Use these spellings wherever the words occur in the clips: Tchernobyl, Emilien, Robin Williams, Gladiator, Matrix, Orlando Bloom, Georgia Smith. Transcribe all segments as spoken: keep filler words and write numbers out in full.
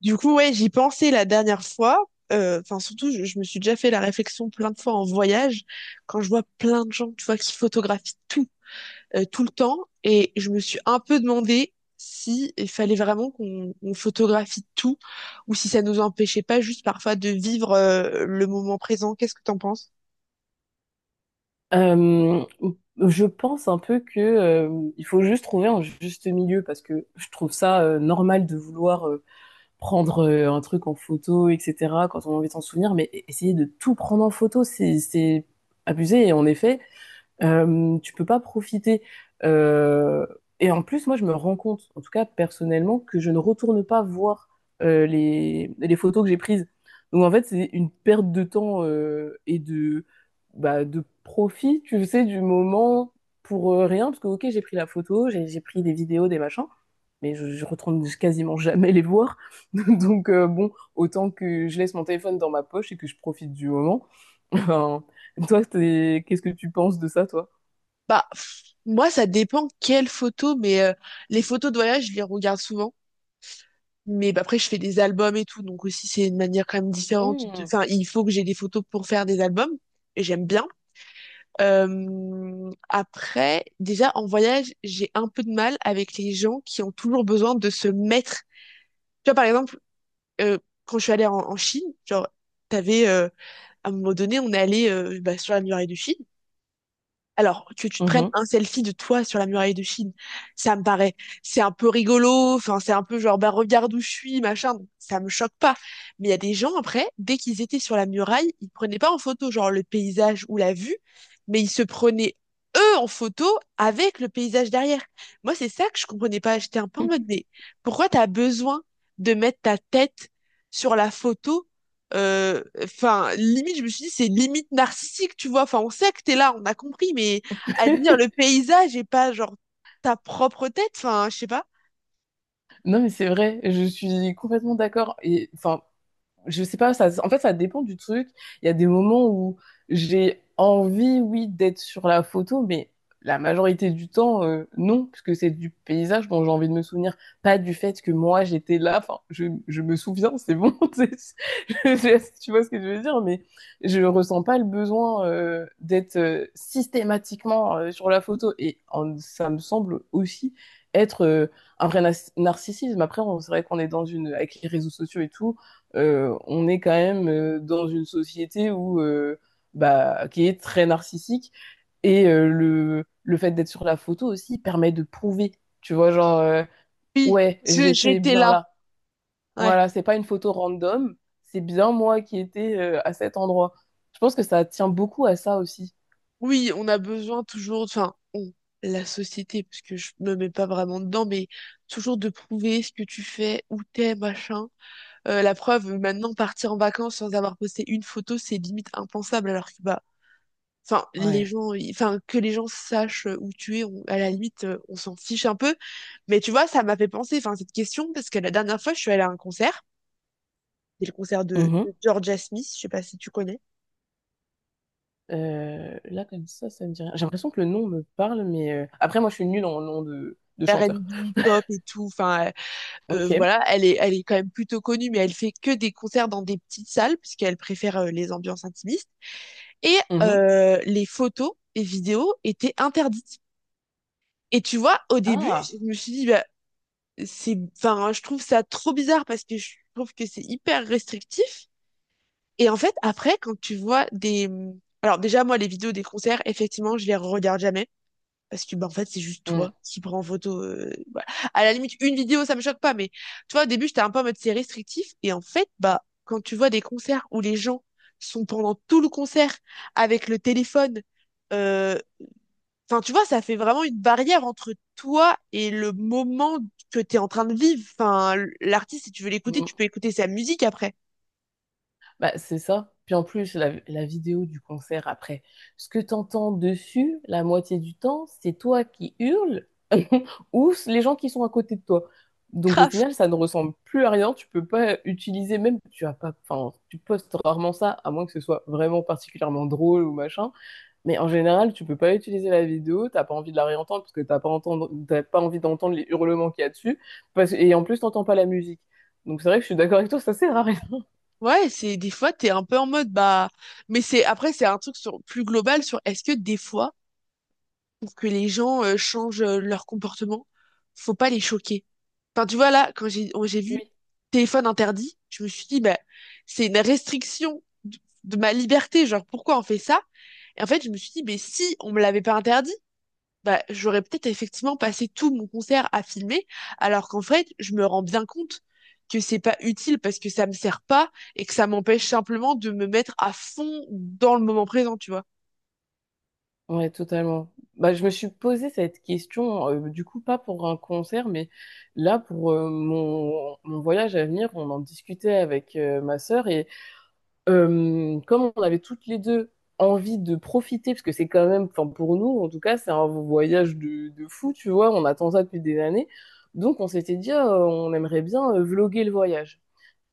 Du coup, ouais, j'y pensais la dernière fois. Euh, Enfin, surtout, je, je me suis déjà fait la réflexion plein de fois en voyage, quand je vois plein de gens, tu vois, qui photographient tout, euh, tout le temps. Et je me suis un peu demandé si il fallait vraiment qu'on on photographie tout, ou si ça nous empêchait pas juste parfois de vivre euh, le moment présent. Qu'est-ce que t'en penses? Euh, je pense un peu que euh, il faut juste trouver un juste milieu parce que je trouve ça euh, normal de vouloir euh, prendre euh, un truc en photo, et cætera quand on a envie de s'en souvenir, mais e- essayer de tout prendre en photo, c'est c'est abusé. Et en effet, euh, tu peux pas profiter. Euh, et en plus, moi, je me rends compte, en tout cas personnellement, que je ne retourne pas voir euh, les, les photos que j'ai prises. Donc en fait, c'est une perte de temps euh, et de, bah, de profit, tu sais, du moment pour euh, rien. Parce que, ok, j'ai pris la photo, j'ai j'ai pris des vidéos, des machins, mais je, je retourne quasiment jamais les voir. Donc euh, bon, autant que je laisse mon téléphone dans ma poche et que je profite du moment. Toi, t'es- qu'est-ce que tu penses de ça, toi? Bah, pff, moi, ça dépend quelles photos, mais euh, les photos de voyage, je les regarde souvent. Mais bah, après, je fais des albums et tout, donc aussi c'est une manière quand même différente. De... Mmh. Enfin, il faut que j'ai des photos pour faire des albums, et j'aime bien. Euh, Après, déjà en voyage, j'ai un peu de mal avec les gens qui ont toujours besoin de se mettre. Tu vois, par exemple, euh, quand je suis allée en, en Chine, genre, t'avais euh, à un moment donné, on est allé euh, bah, sur la muraille de Chine. Alors, que tu te prennes Mhm. un selfie de toi sur la muraille de Chine, ça me paraît, c'est un peu rigolo, enfin, c'est un peu genre, bah, regarde où je suis, machin, donc ça me choque pas. Mais il y a des gens, après, dès qu'ils étaient sur la muraille, ils prenaient pas en photo, genre, le paysage ou la vue, mais ils se prenaient, eux, en photo avec le paysage derrière. Moi, c'est ça que je comprenais pas. J'étais un peu en mode, mais pourquoi t'as besoin de mettre ta tête sur la photo euh, Enfin, limite, je me suis dit, c'est limite narcissique, tu vois. Enfin, on sait que t'es là, on a compris, mais admire le paysage et pas genre ta propre tête. Enfin, je sais pas. Non, mais c'est vrai, je suis complètement d'accord. Et enfin, je sais pas, ça, en fait, ça dépend du truc. Il y a des moments où j'ai envie, oui, d'être sur la photo, mais la majorité du temps, euh, non, puisque c'est du paysage dont j'ai envie de me souvenir, pas du fait que moi j'étais là. Enfin, je, je me souviens, c'est bon, c'est- je- je- tu vois ce que je veux dire, mais je ressens pas le besoin euh, d'être euh, systématiquement euh, sur la photo. Et en- ça me semble aussi être euh, un vrai nas- narcissisme. Après, on- c'est vrai qu'on est dans une, avec les réseaux sociaux et tout, euh, on est quand même euh, dans une société où euh, bah, qui est très narcissique et euh, le le fait d'être sur la photo aussi permet de prouver, tu vois, genre euh, Oui, ouais, je- j'étais j'étais bien là. là. Ouais. Voilà, c'est pas une photo random, c'est bien moi qui étais euh, à cet endroit. Je pense que ça tient beaucoup à ça aussi. Oui, on a besoin toujours, enfin, on, la société, parce que je me mets pas vraiment dedans, mais toujours de prouver ce que tu fais, où t'es, machin. Euh, la preuve, maintenant, partir en vacances sans avoir posté une photo, c'est limite impensable, alors que bah enfin les Ouais. gens ils- enfin que les gens sachent où tu es on- à la limite euh, on s'en fiche un peu mais tu vois ça m'a fait penser enfin cette question parce que la dernière fois je suis allée à un concert c'est le concert de, Mhm. de Georgia Smith, je sais pas si tu connais. Euh, là, comme ça, ça me dit rien. J'ai l'impression que le nom me parle, mais euh, après, moi, je suis nulle en nom de, de chanteur. R et B pop et tout enfin euh, Ok. euh, voilà elle est elle est quand même plutôt connue mais elle fait que des concerts dans des petites salles puisqu'elle préfère euh, les ambiances intimistes et Mhm. euh, les photos et vidéos étaient interdites et tu vois au début Ah. je me suis dit bah, c'est, enfin, je trouve ça trop bizarre parce que je trouve que c'est hyper restrictif. Et en fait, après, quand tu vois des, alors déjà, moi, les vidéos des concerts, effectivement, je les regarde jamais. Parce que, bah, en fait, c'est juste Mm. toi qui prends en photo. Euh, voilà. À la limite, une vidéo, ça me choque pas. Mais tu vois, au début, j'étais un peu en mode c'est restrictif. Et en fait, bah, quand tu vois des concerts où les gens sont pendant tout le concert avec le téléphone, euh, Enfin, tu vois, ça fait vraiment une barrière entre toi et le moment que t'es en train de vivre. Enfin, l- l'artiste, si tu veux l'écouter, tu peux écouter sa musique après. Bah, c'est ça. Puis en plus, la, la vidéo du concert après, ce que t'entends dessus, la moitié du temps, c'est toi qui hurles ou c- les gens qui sont à côté de toi. Donc au Grave. final, ça ne ressemble plus à rien. Tu peux pas utiliser même, tu as pas, enfin, tu postes rarement ça, à moins que ce soit vraiment particulièrement drôle ou machin. Mais en général, tu peux pas utiliser la vidéo. T'as pas envie de la réentendre parce que t'as pas entendre, t'as pas envie d'entendre les hurlements qu'il y a dessus. Parce- et en plus, t'entends pas la musique. Donc c'est vrai que je suis d'accord avec toi, ça sert à rien. Ouais, c'est des fois, t'es un peu en mode, bah, mais c'est après, c'est un truc sur, plus global sur est-ce que des fois, pour que les gens euh, changent euh, leur comportement, faut pas les choquer. Enfin, tu vois, là, quand j'ai oh, j'ai vu Oui. téléphone interdit, je me suis dit, bah, c'est une restriction de de ma liberté. Genre, pourquoi on fait ça? Et en fait, je me suis dit, mais si on me l'avait pas interdit, bah, j'aurais peut-être effectivement passé tout mon concert à filmer, alors qu'en fait, je me rends bien compte que c'est pas utile parce que ça me sert pas et que ça m'empêche simplement de me mettre à fond dans le moment présent, tu vois. Ouais, totalement. Bah, je me suis posé cette question, euh, du coup, pas pour un concert, mais là, pour euh, mon, mon voyage à venir, on en discutait avec euh, ma sœur et euh, comme on avait toutes les deux envie de profiter, parce que c'est quand même, enfin, pour nous, en tout cas, c'est un voyage de, de fou, tu vois, on attend ça depuis des années. Donc, on s'était dit, ah, on aimerait bien euh, vloguer le voyage.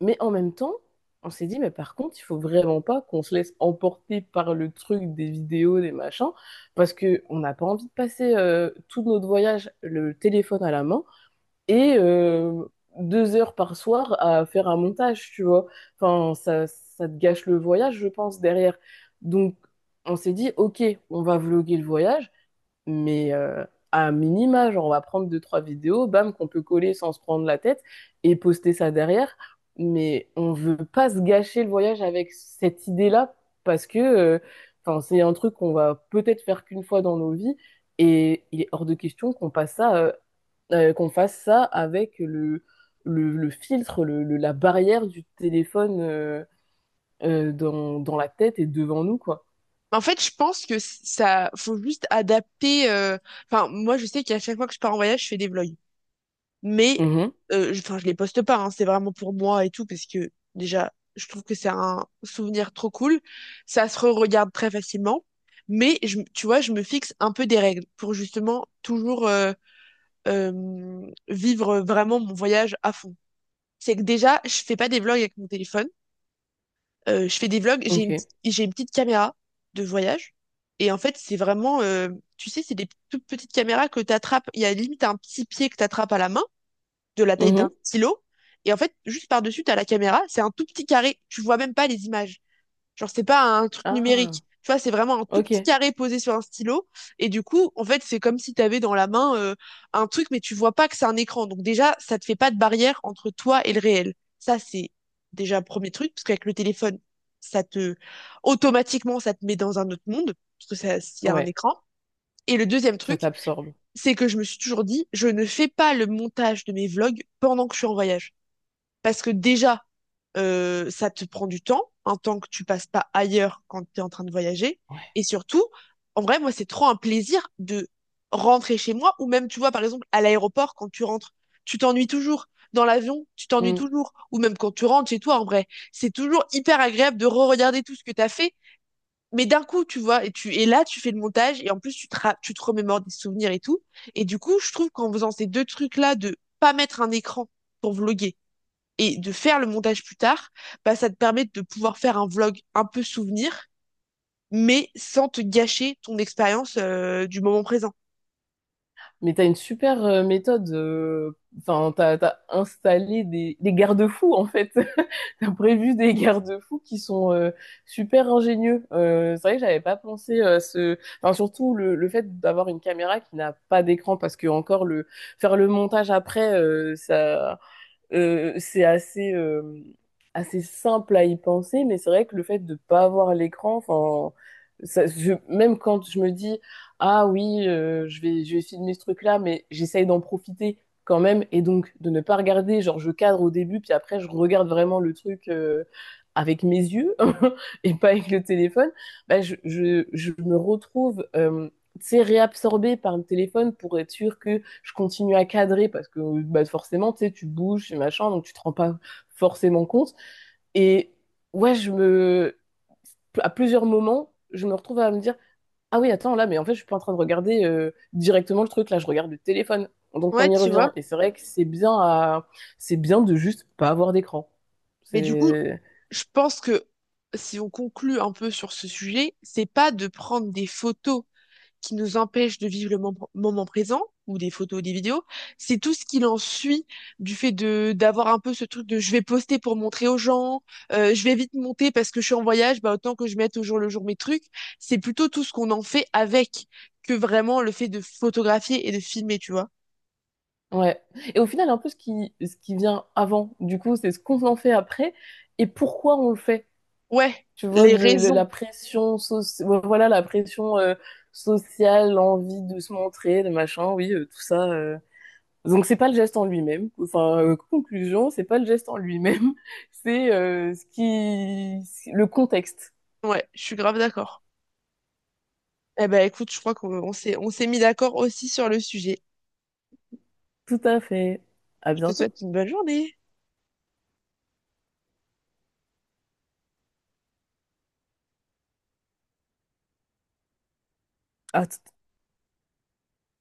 Mais en même temps, on s'est dit, mais par contre, il faut vraiment pas qu'on se laisse emporter par le truc des vidéos, des machins, parce que on n'a pas envie de passer euh, tout notre voyage le téléphone à la main et euh, deux heures par soir à faire un montage, tu vois. Enfin, ça, ça te gâche le voyage, je pense, derrière. Donc, on s'est dit, ok, on va vlogger le voyage, mais euh, à minima, genre on va prendre deux, trois vidéos, bam, qu'on peut coller sans se prendre la tête et poster ça derrière. Mais on veut pas se gâcher le voyage avec cette idée-là parce que euh, enfin, c'est un truc qu'on va peut-être faire qu'une fois dans nos vies et il est hors de question qu'on passe ça, euh, euh, qu'on fasse ça avec le, le, le filtre, le, le- la barrière du téléphone euh, euh, dans, dans la tête et devant nous, quoi. En fait, je pense que ça, faut juste adapter. euh, Enfin, moi, je sais qu'à chaque fois que je pars en voyage, je fais des vlogs. Mais Mhm. euh, je, enfin, je les poste pas, hein, c'est vraiment pour moi et tout, parce que déjà, je trouve que c'est un souvenir trop cool. Ça se re-regarde très facilement. Mais je, tu vois, je me fixe un peu des règles pour justement toujours euh, euh, vivre vraiment mon voyage à fond. C'est que déjà, je fais pas des vlogs avec mon téléphone. Euh, je fais des vlogs, j'ai une Ok. petite, j'ai une petite caméra de voyage. Et en fait, c'est vraiment, euh, tu sais, c'est des toutes petites caméras que tu attrapes. Il y a limite un petit pied que tu attrapes à la main de la taille Mhm. d'un stylo. Et en fait, juste par-dessus, t'as la caméra, c'est un tout petit carré. Tu vois même pas les images. Genre, c'est pas un truc Ah, numérique. Tu vois, c'est vraiment un tout petit ok. carré posé sur un stylo. Et du coup, en fait, c'est comme si t'avais dans la main euh, un truc, mais tu vois pas que c'est un écran. Donc déjà, ça te fait pas de barrière entre toi et le réel. Ça, c'est déjà un premier truc, parce qu'avec le téléphone, ça te automatiquement, ça te met dans un autre monde, parce que ça, s'il y a un Ouais. écran. Et le deuxième Ça truc, t'absorbe. c'est que je me suis toujours dit, je ne fais pas le montage de mes vlogs pendant que je suis en voyage. Parce que déjà, euh, ça te prend du temps, un temps que tu passes pas ailleurs quand tu es en train de voyager. Ouais. Et surtout, en vrai, moi, c'est trop un plaisir de rentrer chez moi, ou même, tu vois, par exemple, à l'aéroport, quand tu rentres, tu t'ennuies toujours. Dans l'avion, tu t'ennuies Mm. toujours. Ou même quand tu rentres chez toi, en vrai. C'est toujours hyper agréable de re-regarder tout ce que tu as fait mais d'un coup, tu vois, et tu et là, tu fais le montage et en plus, tu te, ra- tu te remémores des souvenirs et tout. Et du coup, je trouve qu'en faisant ces deux trucs-là, de pas mettre un écran pour vloguer et de faire le montage plus tard, bah, ça te permet de pouvoir faire un vlog un peu souvenir, mais sans te gâcher ton expérience euh, du moment présent. Mais t'as une super euh, méthode. euh, Enfin, t'as, t'as installé des, des garde-fous en fait. T'as prévu des garde-fous qui sont euh, super ingénieux. Euh, c'est vrai que j'avais pas pensé à ce. Enfin, surtout le, le fait d'avoir une caméra qui n'a pas d'écran parce que encore le faire le montage après, euh, ça. Euh, c'est assez, euh, assez simple à y penser, mais c'est vrai que le fait de ne pas avoir l'écran, enfin, ça- je- même quand je me dis, ah oui, euh, je vais, je vais filmer ce truc-là, mais j'essaye d'en profiter quand même, et donc de ne pas regarder, genre je cadre au début, puis après je regarde vraiment le truc euh, avec mes yeux et pas avec le téléphone, bah, je, je, je me retrouve euh, tu sais, réabsorbée par le téléphone pour être sûr que je continue à cadrer parce que bah, forcément, tu sais, tu bouges et machin, donc tu te rends pas forcément compte. Et ouais, je me... À plusieurs moments, je me retrouve à me dire, ah oui, attends, là, mais en fait, je suis pas en train de regarder euh, directement le truc, là, je regarde le téléphone. Donc on Ouais, y tu vois. revient. Et c'est vrai que c'est bien à... c'est bien de juste pas avoir d'écran. Mais du coup, C'est... je pense que si on conclut un peu sur ce sujet, c'est pas de prendre des photos qui nous empêche de vivre le mom- moment présent, ou des photos, ou des vidéos, c'est tout ce qu'il en suit du fait de d'avoir un peu ce truc de je vais poster pour montrer aux gens, euh, je vais vite monter parce que je suis en voyage, bah autant que je mette au jour le jour mes trucs. C'est plutôt tout ce qu'on en fait avec que vraiment le fait de photographier et de filmer, tu vois. Ouais. Et au final, un peu ce qui, ce qui vient avant, du coup, c'est ce qu'on en fait après et pourquoi on le fait. Ouais, Tu vois, les de, de raisons. la pression soci- ouais, voilà, la pression euh, sociale, l'envie de se montrer, le machin, oui, euh, tout ça. euh. Donc c'est pas le geste en lui-même. Enfin, euh, conclusion, c'est pas le geste en lui-même, c'est euh, ce qui, le contexte. Ouais, je suis grave d'accord. Eh ben écoute, je crois qu'on on s'est on s'est mis d'accord aussi sur le sujet. Tout à fait. À Je te bientôt. souhaite une bonne journée. À